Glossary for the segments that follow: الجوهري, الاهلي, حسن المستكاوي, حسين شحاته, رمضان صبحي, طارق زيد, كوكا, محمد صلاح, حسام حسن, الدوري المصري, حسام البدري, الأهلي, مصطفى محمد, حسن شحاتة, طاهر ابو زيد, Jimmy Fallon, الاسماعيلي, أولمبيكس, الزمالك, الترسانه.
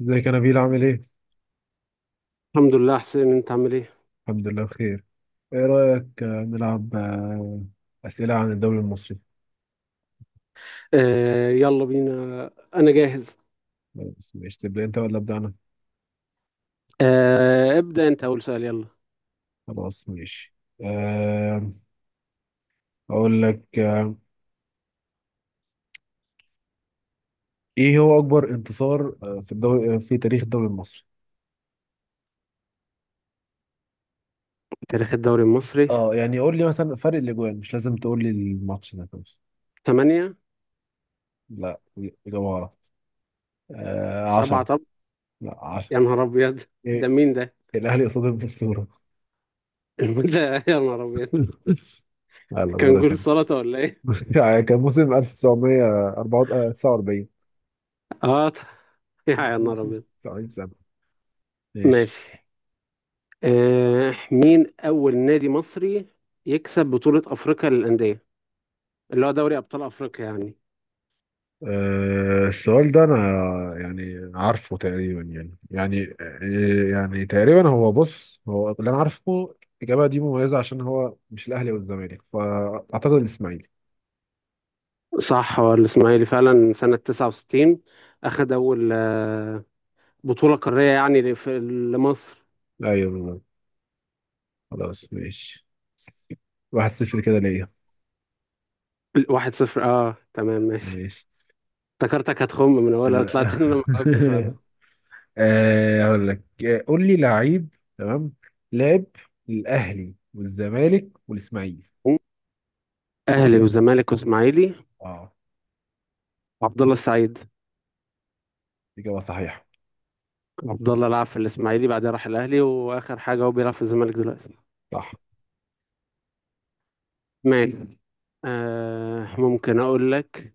ازيك يا نبيل عامل ايه؟ الحمد لله حسين، انت عامل ايه؟ الحمد لله بخير. ايه رأيك، نلعب أسئلة عن الدوري المصري؟ يلا بينا. انا جاهز. بس ماشي، تبدأ انت ولا أبدأ أنا؟ ابدأ انت، اول سؤال يلا. خلاص ماشي. آه، أقول لك، ايه هو أكبر انتصار في الدوري، في تاريخ الدوري المصري؟ تاريخ الدوري المصري. اه يعني قول لي مثلا فرق الأجوان، مش لازم تقول لي الماتش ده بس. 8. لا، إجابة غلط. 7 عشرة. طب. لا، عشرة. يا نهار ابيض، ده ايه؟ مين ده؟ الأهلي قصاد المنصورة. ده يا نهار ابيض. يلا كان دورك جول انت. سلطة ولا ايه؟ كان موسم 1949. اه يا نهار ابيض. سعيد سبع. ماشي. ماشي. مين اول نادي مصري يكسب بطولة افريقيا للأندية، اللي هو دوري ابطال افريقيا يعني؟ السؤال ده انا يعني عارفه تقريبا، يعني تقريبا هو، بص هو اللي انا عارفه، الاجابه دي مميزه عشان هو مش الاهلي والزمالك، فاعتقد الاسماعيلي. صح، هو الاسماعيلي فعلا، سنة 69 اخد اول بطولة قارية يعني لمصر. ايوه بالظبط. خلاص ماشي، واحد صفر كده ليا. واحد صفر، اه تمام ماشي. ماشي افتكرتك هتخم من اولها، آه، طلعت ان انا ما جاوبتش بعد. هقول لك، قول لي لعيب تمام لعب للاهلي والزمالك والاسماعيلي. اهلي وزمالك واسماعيلي، اه. وعبد الله السعيد. اجابه صحيحه. عبد الله لعب في الاسماعيلي، بعدين راح الاهلي، واخر حاجة هو بيلعب في الزمالك دلوقتي. صح. ماشي. ممكن اقول لك،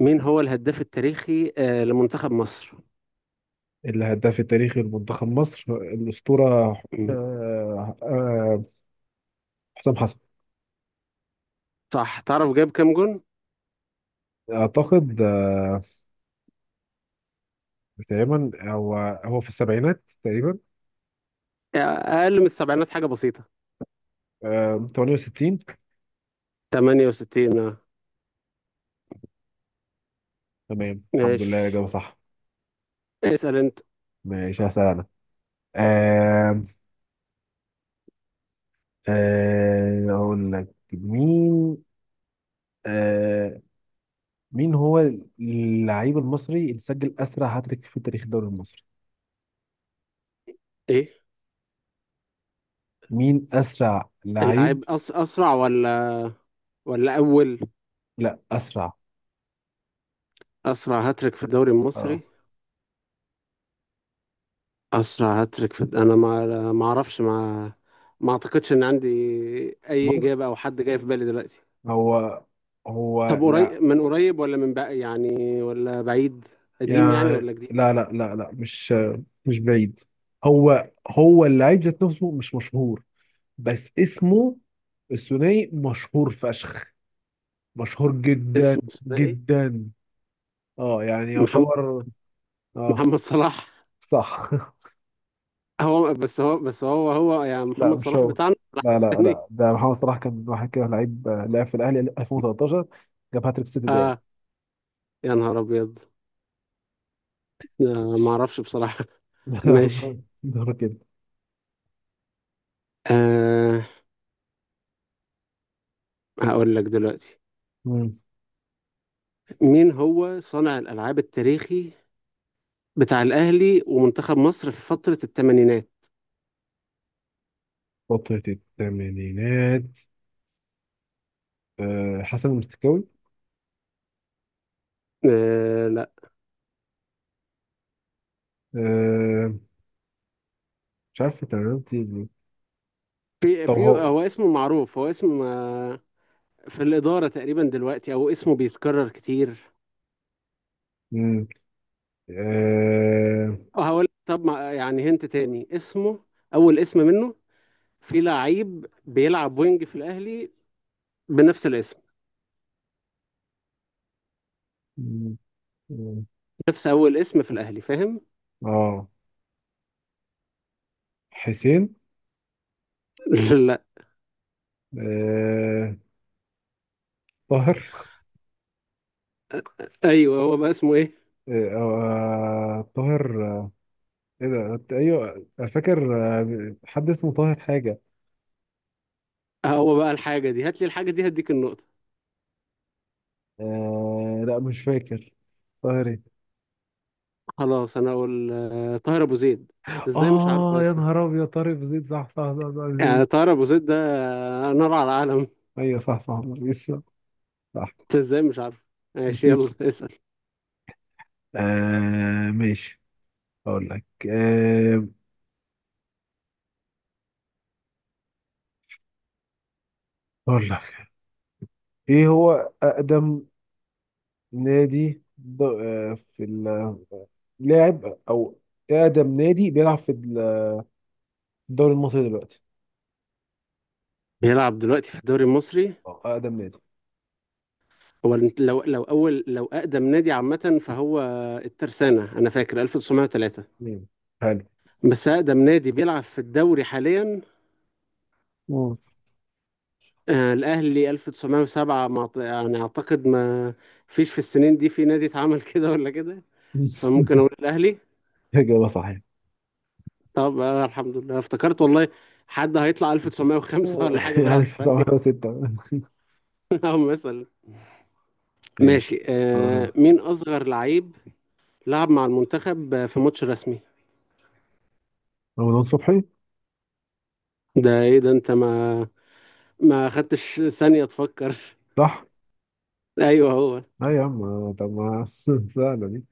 مين هو الهداف التاريخي لمنتخب مصر؟ الهداف التاريخي لمنتخب مصر الأسطورة مم. آه، آه، حسام حسن. صح، تعرف جاب كام جون؟ أعتقد تقريبا هو في السبعينات تقريبا. آه، اقل من السبعينات حاجة بسيطة. 68. 68 اه. تمام، الحمد لله ماشي، الإجابة صح. اسأل انت. ماشي، هسأل أنا. آه، أقول لك مين. آه، مين هو اللعيب المصري اللي سجل أسرع هاتريك في تاريخ الدوري المصري؟ ايه؟ مين أسرع لعيب؟ اللعيب أسرع ولا ولا أول؟ لا، أسرع. أسرع هاتريك في الدوري اه المصري. أسرع هاتريك في أنا ما أعرفش، ما أعتقدش إن عندي أي إجابة بص، أو حد جاي في بالي دلوقتي. هو هو طب لا قريب من قريب ولا من بقى يعني، ولا بعيد؟ قديم يعني يعني، ولا جديد؟ لا لا لا لا، مش بعيد. هو هو اللعيب ذات نفسه مش مشهور، بس اسمه الثنائي مشهور فشخ، مشهور جدا اسمه إيه؟ جدا. اه يعني محمد. يعتبر. اه. محمد صلاح. صح. هو بس هو بس هو هو يعني، لا محمد مش صلاح هو. بتاعنا؟ صلاح لا لا التاني؟ لا، ده محمد صلاح كان واحد كده لعيب لعب في الاهلي 2013، جاب هاتريك في ست دقايق. آه، يا نهار أبيض. آه، ما أعرفش بصراحة. ماشي. يلا دورك كده. آه هقول لك دلوقتي، مم. مين هو صانع الألعاب التاريخي بتاع الأهلي ومنتخب مصر في فترة الثمانينات؟ فترة الثمانينات، حسن المستكاوي. لا. آه، مش عارف تمرينتي دي. في طب في هو هو اسمه معروف، هو اسم في الإدارة تقريبا دلوقتي، أو اسمه بيتكرر كتير. مم، آه، أو هقول طب، ما يعني هنت تاني اسمه، أول اسم منه. في لعيب بيلعب وينج في الأهلي بنفس الاسم، مم، مم، نفس أول اسم في الأهلي، فاهم؟ آه، حسين. لا. آه، طاهر. أيوه، هو بقى اسمه إيه؟ طاهر. ايه ده، ايوه فاكر حد اسمه طاهر حاجة. هو بقى الحاجة دي، هات لي الحاجة دي هديك النقطة. لا مش فاكر، طاهر ايه؟ خلاص، انا اقول آه، طاهر ابو زيد. انت ازاي مش عارفه يا اه يا اسطى؟ نهار ابيض، طارق زيد، صح صح صح صح، يعني زيد. طاهر ابو زيد ده آه، نار على العالم. ايوه صح صح، زيد، صح. صح. انت ازاي مش عارفه. ماشي، نسيته. يلا اسال. ماشي، اقول لك. آه أقول لك، إيه هو أقدم نادي لاعب، أو أقدم نادي بيلعب في الدوري المصري دلوقتي، بيلعب دلوقتي في الدوري المصري. أو أقدم نادي. هو لو اول، لو اقدم نادي عامه، فهو الترسانه، انا فاكر 1903. مم. حلو. بس اقدم نادي بيلعب في الدوري حاليا مم. آه، الاهلي 1907. ما يعني اعتقد ما فيش في السنين دي في نادي اتعمل كده ولا كده، فممكن اقول الاهلي. إجابة صحيحة. طب آه، الحمد لله افتكرت والله. حد هيطلع 1905 ولا حاجة بيلعب دلوقتي؟ 1906. أو مثلا. ماشي ماشي. دورك آه، أنت. مين أصغر لعيب لعب مع المنتخب آه، في ماتش رسمي؟ رمضان صبحي، ده إيه ده، أنت ما خدتش ثانية تفكر. صح؟ أيوه، هو. لا يا عم، طب ما سهلة دي.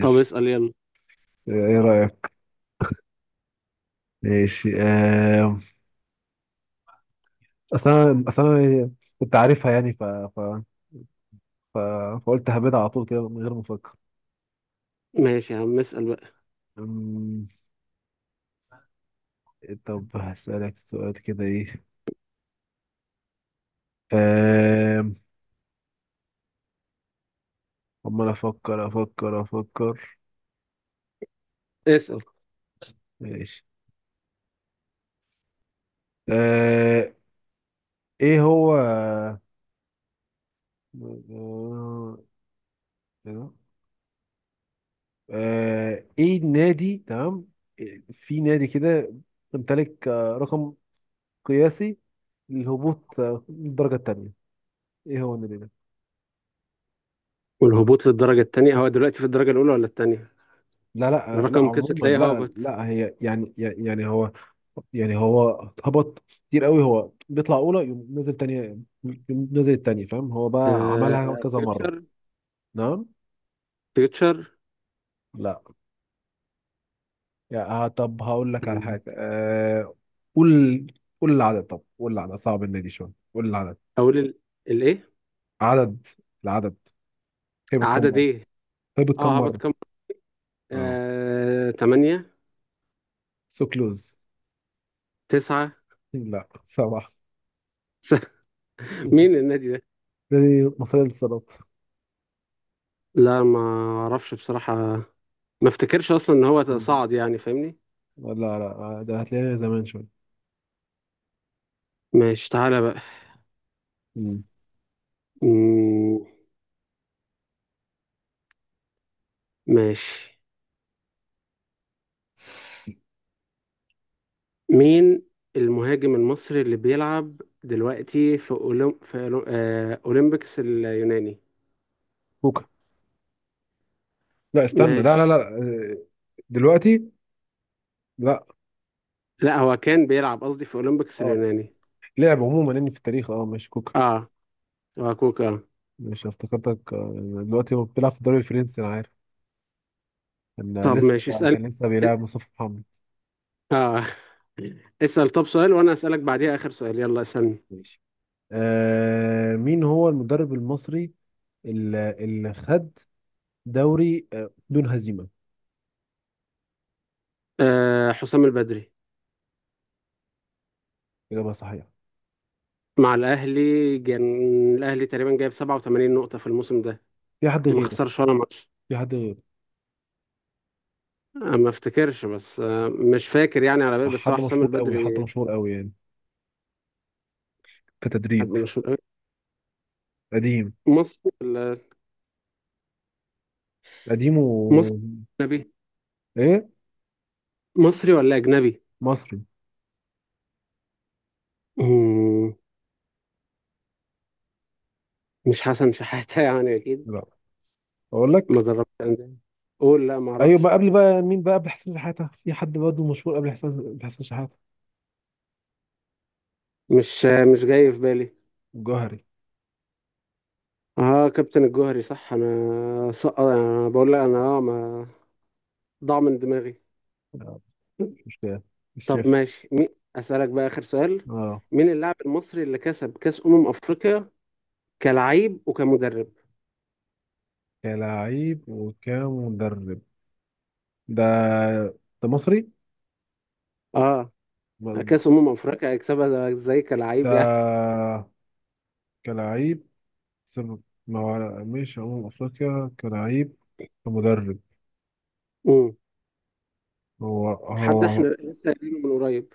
طب اسأل يلا. إيه رأيك؟ ماشي. أصل أنا كنت عارفها، يعني ف- فقلت هبدأ على طول كده من غير ما افكر. ماشي يا عم، اسأل بقى. أمم، طب هسألك سؤال كده، ايه. أم، عمال افكر افكر افكر. اسأل. ماشي. أه، ايه هو أه... ايه النادي؟ تمام، في نادي كده امتلك رقم قياسي للهبوط، للدرجة التانية. ايه هو النادي ده؟ والهبوط للدرجة التانية، هو دلوقتي في الدرجة الأولى ولا التانية؟ لا لا، لا الرقم كسر عموما، تلاقيه لا هابط. لا، هي يعني، يعني هو هبط كتير قوي، هو بيطلع اولى يقوم نازل تانية، يقوم نازل التانية، فاهم؟ هو بقى عملها آه كذا مرة. فيوتشر. نعم. فيوتشر. لا، يا طب هقول لك على حاجة. قول، قول العدد، طب قول العدد، صعب النادي شوية، قول العدد. أقول الإيه؟ عدد العدد هبط كم عدد مرة، إيه؟ هبط كم اه هبط مرة. كام؟ اه آه، تمانية. سوكلوز. تسعة. لا، سبعة. مين النادي ده؟ نادي مصرية للصالات. لا، ما اعرفش بصراحة. ما افتكرش اصلا ان هو صعد يعني، فاهمني؟ لا لا، ده هتلاقيها زمان شوية. ماشي، تعالى بقى. مم. مم، ماشي. مين المهاجم المصري اللي بيلعب دلوقتي في أولمبيكس اليوناني؟ كوكا، لا استنى، لا لا ماشي. لا، دلوقتي. لا. لا، هو كان بيلعب قصدي في أولمبيكس اه، اليوناني. لعب عموما اني في التاريخ، اه ماشي كوكا. اه. هو كوكا. مش افتكرتك. دلوقتي هو بيلعب في الدوري الفرنسي، انا عارف. كان آه، طب لسه ماشي، آه، اسأل. كان لسه بيلعب مصطفى محمد. اه اسأل. طب سؤال، وانا اسألك بعديها اخر سؤال، يلا اسألني. ماشي. مين هو المدرب المصري اللي خد دوري بدون هزيمة؟ آه، حسام البدري. إجابة صحيحة. مع الأهلي كان، الأهلي تقريبا جايب 87 نقطة في الموسم ده، في حد ما غيره؟ خسرش ولا ماتش. في حد غيره؟ آه، ما افتكرش، بس آه، مش فاكر يعني، على بالي بس هو حد حسام مشهور قوي، البدري. حد مشهور قوي يعني، كتدريب حد مشهور قوي. قديم، مصري ولا. قديم و مصري أجنبي. ايه. مصري ولا أجنبي؟ مصري. مم، مش حسن شحاتة يعني أكيد؟ لا، اقول ما لك، دربش أندية. قول لا، ما ايوه بقى، أعرفش. قبل بقى مين بقى قبل حسين شحاته؟ في حد برضه مشهور قبل حسين، قبل حسين شحاته. مش آه، مش جاي في بالي. الجوهري. اه، كابتن الجوهري، صح، انا سقط، انا بقول لك، انا اه ما ضاع من دماغي. آه، مش مشكله، طب الشيف. ماشي، أسألك بقى آخر سؤال. اه مين اللاعب المصري اللي كسب كأس أمم أفريقيا كلاعب وكمدرب؟ كلاعب وكمدرب، ده ده مصري اه، كأس أمم أفريقيا هيكسبها ازاي ده، كلاعب يعني؟ كلاعب سب... ما هو مش أمم أفريقيا كلاعب، كمدرب. مم. هو هو حد احنا لسه قايلينه من قريب.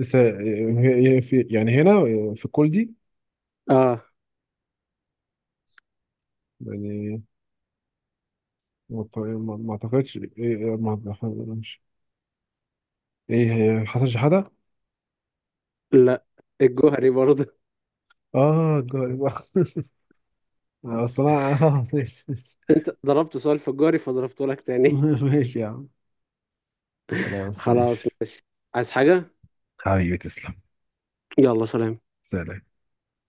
يعني هنا في الكل دي، اه. يعني ما أعتقدش، إيه إيه، ما- مش، إيه هي، حسن شحاتة. لا، الجوهري برضه. اه الجاري بقى. اصل انا، اه ماشي. انت ضربت سؤال في الجوهري فضربته لك تاني. ماشي يا عم، خلاص خلاص. ماشي. عايز حاجة؟ حبيبي تسلم. يلا، سلام. سلام.